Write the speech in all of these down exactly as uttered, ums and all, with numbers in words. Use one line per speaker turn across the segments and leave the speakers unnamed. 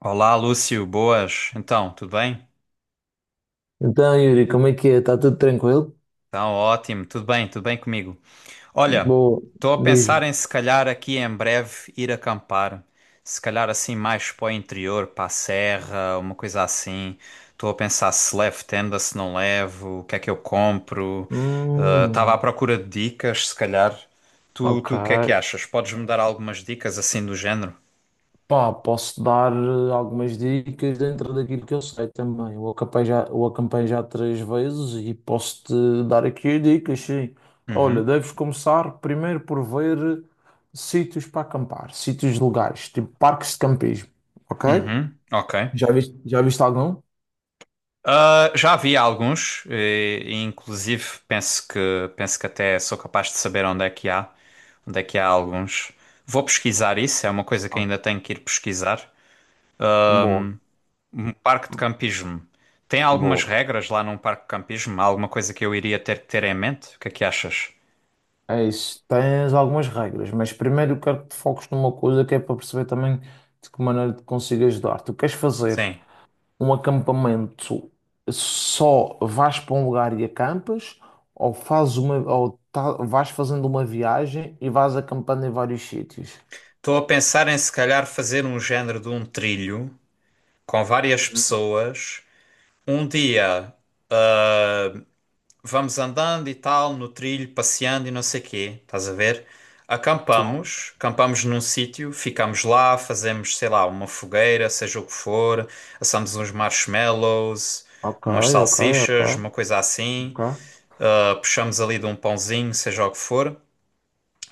Olá, Lúcio, boas. Então, tudo bem?
Então, Yuri, como é que é? Está tudo tranquilo?
Então, ótimo, tudo bem, tudo bem comigo. Olha,
Boa,
estou a pensar
diz-me.
em se calhar aqui em breve ir acampar, se calhar assim mais para o interior, para a serra, uma coisa assim. Estou a pensar se levo tenda, se não levo, o que é que eu compro. Estava à
Hum,
procura de dicas, se calhar. Tu,
ok.
tu o que é que achas? Podes-me dar algumas dicas assim do género?
Pá, posso dar eh, algumas dicas dentro daquilo que eu sei também. Eu acampei já, eu acampei já três vezes e posso-te dar aqui dicas, sim. Olha,
Uhum,
deves começar primeiro por ver eh, sítios para acampar, sítios legais, tipo parques de campismo, ok?
uhum, ok.
Já viste, já viste algum?
Ah, já vi alguns, e, e inclusive penso que penso que até sou capaz de saber onde é que há, onde é que há alguns. Vou pesquisar isso, é uma coisa que
Ah,
ainda tenho que ir pesquisar.
Boa,
Um parque de campismo. Tem algumas
boa.
regras lá num parque de campismo? Há alguma coisa que eu iria ter que ter em mente? O que é que achas?
É isso, tens algumas regras, mas primeiro eu quero que te foques numa coisa que é para perceber também de que maneira te consigo ajudar. Tu queres fazer
Sim.
um acampamento só vais para um lugar e acampas, ou fazes uma, ou tá- vais fazendo uma viagem e vais acampando em vários sítios?
Estou a pensar em se calhar fazer um género de um trilho com várias
Hum,
pessoas. Um dia vamos andando e tal, no trilho, passeando e não sei quê, estás a ver?
Tá bom?
Acampamos, acampamos num sítio, ficamos lá, fazemos, sei lá, uma fogueira, seja o que for, assamos uns marshmallows,
Ok,
umas
ok, ok,
salsichas, uma coisa assim,
ok.
ah, puxamos ali de um pãozinho, seja o que for.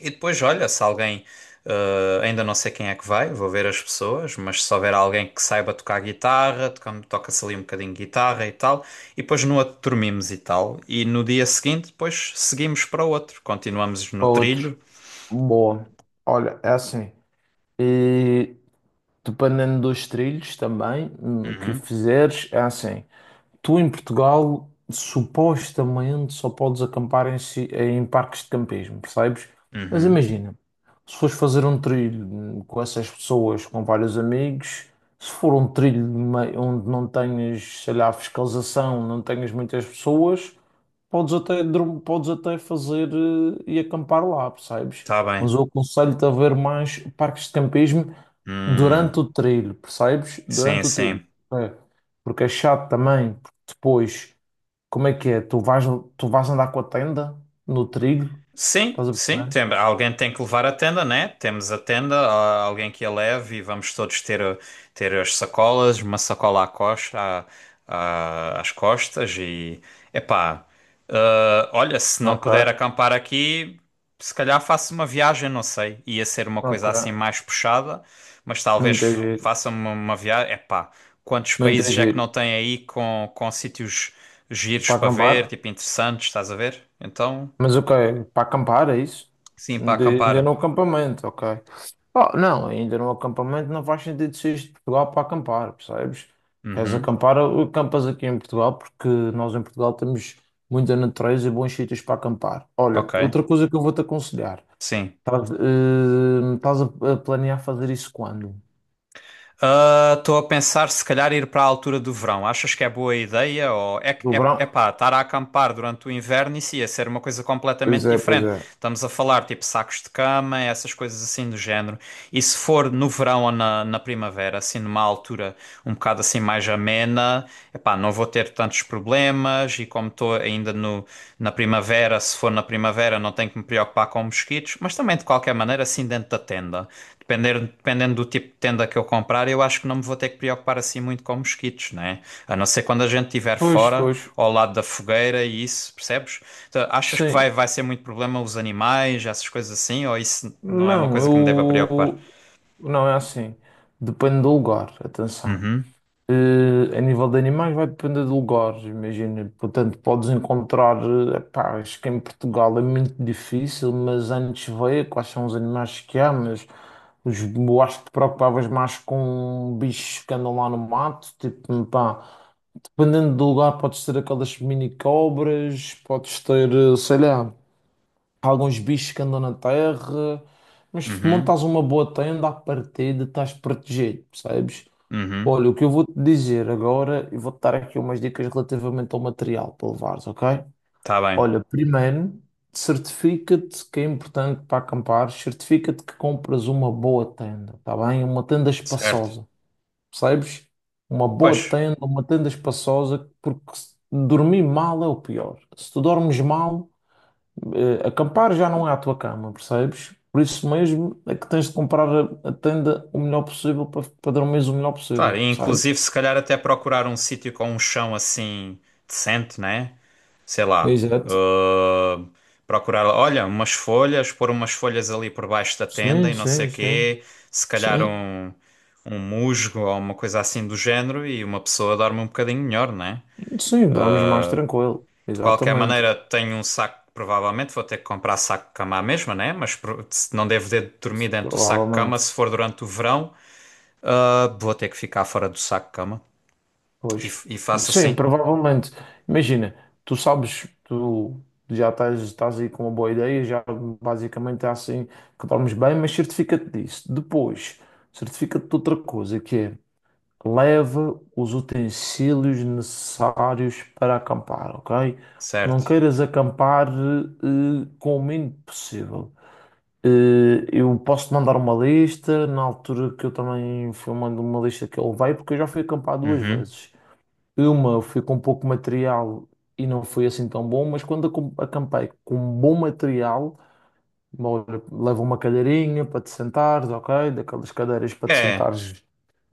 E depois, olha, se alguém, eh, ainda não sei quem é que vai, vou ver as pessoas, mas se houver alguém que saiba tocar guitarra, toca- toca-se ali um bocadinho de guitarra e tal, e depois no outro dormimos e tal, e no dia seguinte, depois seguimos para o outro, continuamos no
Para outro.
trilho.
Boa. Olha, é assim. E dependendo dos trilhos também hum, que
Uhum,
fizeres, é assim. Tu em Portugal supostamente só podes acampar em, si- em parques de campismo, percebes? Mas
uhum,
imagina, se fores fazer um trilho hum, com essas pessoas, com vários amigos, se for um trilho de mei- onde não tenhas, sei lá, fiscalização, não tenhas muitas pessoas, podes até, dorm- podes até fazer eh, e acampar lá, percebes?
tá bem.
Mas eu aconselho-te a ver mais parques de campismo durante
Hum,
o trilho, percebes?
sim,
Durante o trilho.
sim.
É. Porque é chato também, porque depois, como é que é? Tu vais, tu vais andar com a tenda no trilho,
Sim,
estás a
sim,
perceber?
tem, alguém tem que levar a tenda, né? Temos a tenda, há alguém que a leve e vamos todos ter, ter as sacolas, uma sacola à costa, à- à- às costas e, epá, ah, olha, se não
Ok,
puder acampar aqui, se calhar faço uma viagem, não sei, ia ser uma coisa
ok.
assim mais puxada, mas
Muito é
talvez
giro,
faça uma, uma viagem, epá, quantos
muito é
países é que não
giro.
tem aí com, com sítios giros
Para
para ver,
acampar,
tipo interessantes, estás a ver? Então...
mas ok, para acampar é isso?
Sim, para
De, ainda no
acampar.
acampamento, ok. Oh, não, ainda no acampamento não faz sentido seres de Portugal para acampar, percebes? Queres
Uhum.
acampar, acampas aqui em Portugal, porque nós em Portugal temos muita natureza e bons sítios para acampar. Olha,
Ok.
outra coisa que eu vou-te aconselhar,
Sim.
estás, eh, estás a, a planear fazer isso quando?
Ah, estou a pensar se calhar ir para a altura do verão. Achas que é boa ideia? Ou é, que-
Do
é, é
verão?
pá, estar a acampar durante o inverno isso ia ser uma coisa
Pois
completamente
é, pois
diferente.
é.
Estamos a falar tipo sacos de cama, essas coisas assim do género. E se for no verão ou na, na primavera, assim numa altura um bocado assim mais amena, epá, não vou ter tantos problemas e como estou ainda no, na primavera, se for na primavera não tenho que me preocupar com mosquitos, mas também de qualquer maneira assim dentro da tenda. Depender, dependendo do tipo de tenda que eu comprar, eu acho que não me vou ter que preocupar assim muito com mosquitos, né? A não ser quando a gente estiver
Pois,
fora,
pois,
ao lado da fogueira e isso, percebes? Então, achas que vai,
sim.
vai ser muito problema os animais, essas coisas assim, ou isso não é uma
Não,
coisa que me deva preocupar?
eu... Não, é assim. Depende do lugar, atenção.
Uhum,
Eh, a nível de animais vai depender de lugares, imagina. Portanto, podes encontrar, eh, pá, acho que em Portugal é muito difícil, mas antes veio quais são os animais que há, mas os, eu acho que te preocupavas mais com bichos que andam lá no mato, tipo, pá, dependendo do lugar, podes ter aquelas mini cobras, podes ter, eh, sei lá, alguns bichos que andam na terra, mas
uhum,
montas uma boa tenda à partida, estás protegido, percebes?
uhum.
Olha, o que eu vou te dizer agora, e vou-te dar aqui umas dicas relativamente ao material para levares, ok?
Tá bem.
Olha, primeiro, certifica-te que é importante para acampar, certifica-te que compras uma boa tenda, tá bem? Uma tenda
Certo.
espaçosa, percebes? Uma
Pois,
boa tenda, uma tenda espaçosa, porque se- dormir mal é o pior. Se tu dormes mal, eh, acampar já não é a tua cama, percebes? Por isso mesmo é que tens de comprar a, a tenda o melhor possível para, para dormires o melhor
claro,
possível,
e
percebes?
inclusive se calhar até procurar um sítio com um chão assim decente, né? Sei lá.
Exato.
Uh, procurar, olha, umas folhas, pôr umas folhas ali por baixo da tenda
Sim,
e não sei
sim, sim.
quê. Se calhar
Sim,
um, um musgo ou uma coisa assim do género e uma pessoa dorme um bocadinho melhor, né?
sim, dormes mais tranquilo.
De qualquer
Exatamente.
maneira, tenho um saco, provavelmente vou ter que comprar saco de cama à mesma, né? Mas pro- se- não devo ter dormir dentro do saco de cama
Provavelmente.
se for durante o verão. Ah, vou ter que ficar fora do saco cama. E,
Pois.
e faço
Sim,
assim,
provavelmente. Imagina, tu sabes, tu já estás, estás aí com uma boa ideia, já basicamente é assim que dormes bem, mas certifica-te disso. Depois, certifica-te de outra coisa, que é leva os utensílios necessários para acampar, ok? Não
certo?
queiras acampar eh, com o mínimo possível. Eh, Eu posso mandar uma lista, na altura que eu também fui mandando uma lista que ele veio, porque eu já fui acampar duas
Uhum.
vezes. Uma eu fui com pouco material e não foi assim tão bom, mas quando acom- acampei com bom material, olha, leva uma cadeirinha para te sentares, ok? Daquelas cadeiras para te
É,
sentares,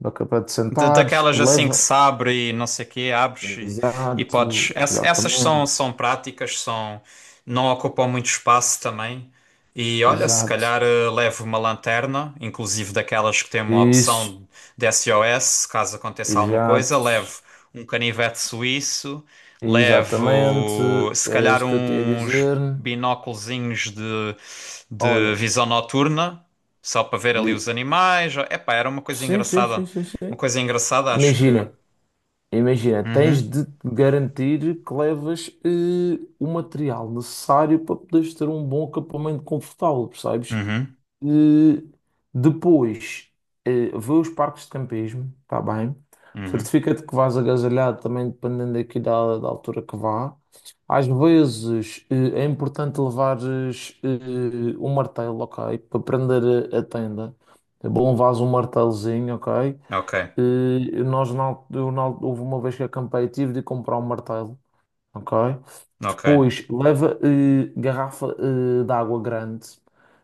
daque- para te
Da-
sentares,
daquelas assim que
leva.
se abre e não sei o quê, abres e, e podes.
Exato,
Ess- essas são,
exatamente,
são práticas, são, não ocupam muito espaço também. E olha, se
exato.
calhar eh, levo uma lanterna, inclusive daquelas que têm uma
Isso,
opção de S O S, caso aconteça alguma coisa.
exato,
Levo um canivete suíço,
exatamente,
levo se
era
calhar
isso que eu te ia
uns
dizer.
binóculozinhos de, de
Olha,
visão noturna, só para ver ali
di-
os animais. Epá, era uma coisa
sim, sim, sim,
engraçada.
sim,
Uma
sim.
coisa engraçada, acho que.
Imagina, imagina, tens
Uhum,
de te garantir que levas eh, o material necessário para poderes ter um bom acampamento confortável, percebes?
uhum,
Eh, depois, eh, vê os parques de campismo, tá bem?
uhum.
Certifica-te que vais agasalhado também, dependendo aqui da, da altura que vá. Às vezes, eh, é importante levares eh, um martelo, ok? Para prender a, a tenda. É bom levares um martelozinho, ok?
Ok,
Eh, nós, na, al- eu, na, al- houve uma vez que acampei, tive de comprar um martelo, ok?
ok.
Depois leva eh, garrafa eh, de água grande.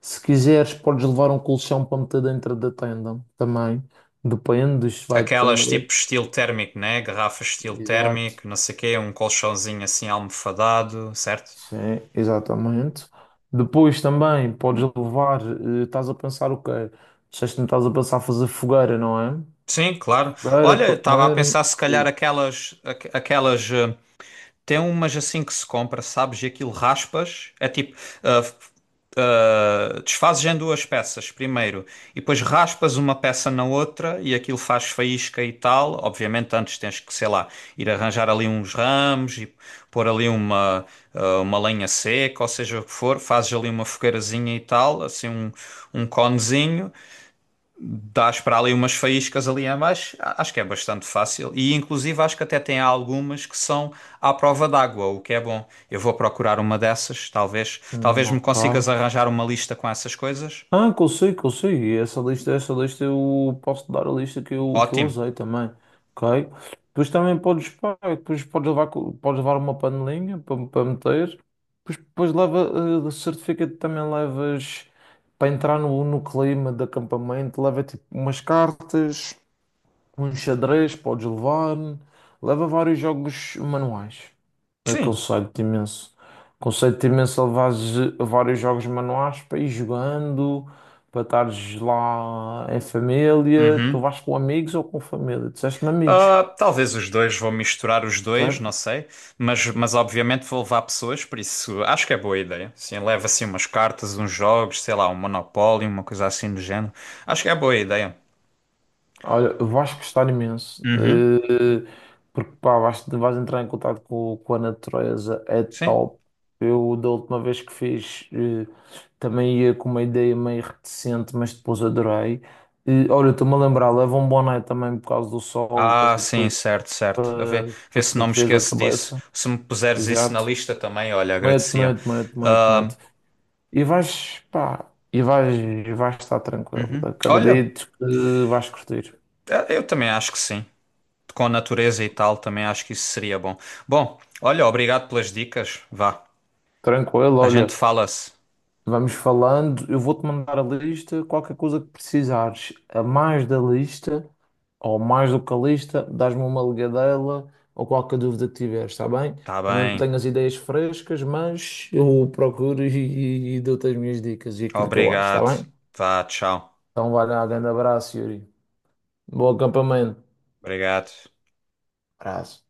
Se quiseres, podes levar um colchão para meter dentro da tenda também. Depende, isto vai
Aquelas
depender.
tipo estilo térmico, né? Garrafas estilo
Exato.
térmico, não sei o quê, um colchãozinho assim almofadado, certo?
Sim, exatamente. Depois também podes levar, eh, estás a pensar o quê? Disseste que não estás a pensar fazer fogueira, não é?
Sim, claro.
Fogueira
Olha,
para
estava a
comerem.
pensar se calhar
E,
aquelas, aqu- aquelas eh, Tem umas assim que se compra, sabes? E aquilo raspas. É tipo. ah, f- ah, Desfazes em duas peças primeiro e depois raspas uma peça na outra e aquilo faz faísca e tal. Obviamente, antes tens que, sei lá, ir arranjar ali uns ramos e pôr ali uma, ah, uma lenha seca, ou seja o que for. Fazes ali uma fogueirazinha e tal, assim um, um conezinho. Dás para ali umas faíscas ali a mais, a- acho que é bastante fácil. E inclusive acho que até tem algumas que são à prova d'água, o que é bom. Eu vou procurar uma dessas, talvez,
hum,
talvez me
ok.
consigas arranjar uma lista com essas coisas.
Ah, que eu sei, que eu sei. E essa lista, essa lista eu posso dar a lista que eu, que eu
Ótimo.
usei também. Ok? Depois também podes, pá, depois podes levar, co- podes levar uma panelinha para, para meter. Depois, depois leva eh, o certificado também levas para entrar no, no clima de acampamento, leva tipo umas cartas. Um xadrez podes levar, leva vários jogos manuais. Eu
Sim.
aconselho-te imenso. Aconselho-te imenso a levares eh, vários jogos manuais para ir jogando, para estares lá em família. Tu
Uhum.
vais com amigos ou com família? Disseste-me amigos,
Ah, talvez os dois, vou misturar os dois, não
certo?
sei, mas, mas obviamente vou levar pessoas, por isso acho que é boa ideia. Sim, leva assim umas cartas, uns jogos, sei lá, um Monopólio, uma coisa assim do género. Acho que é boa ideia.
Olha, vais gostar imenso,
Uhum.
eh, porque pá, vais, vais entrar em contato com, com a natureza, é
Sim.
top. Eu, da última vez que fiz, eh, também ia com uma ideia meio reticente, mas depois adorei. Eh, olha, estou-me a lembrar, leva um boné também por causa do sol, para
Ah, sim,
depois
certo, certo. A ver,
para, para
ver
te
se não me
protegeres a
esqueço disso.
cabeça.
Se me puseres isso na
Exato.
lista também, olha,
Mete,
agradecia.
mete, mete, mete,
Ah,
mete. E vais, pá, e vais, e vais estar tranquilo.
olha,
Acredito que vais curtir.
eh, eu também acho que sim. Com a natureza e tal, também acho que isso seria bom. Bom, olha, obrigado pelas dicas. Vá,
Tranquilo,
a gente
olha.
fala-se.
Vamos falando, eu vou-te mandar a lista, qualquer coisa que precisares, a mais da lista, ou mais do que a lista, dás-me uma ligadela, ou qualquer dúvida que tiveres, está bem?
Tá
Eu não
bem.
tenho as ideias frescas, mas eu procuro e, e- e dou-te as minhas dicas e aquilo que eu acho, está
Obrigado.
bem?
Vá, tchau.
Então vai lá, grande abraço, Yuri. Bom acampamento.
Obrigado.
Abraço.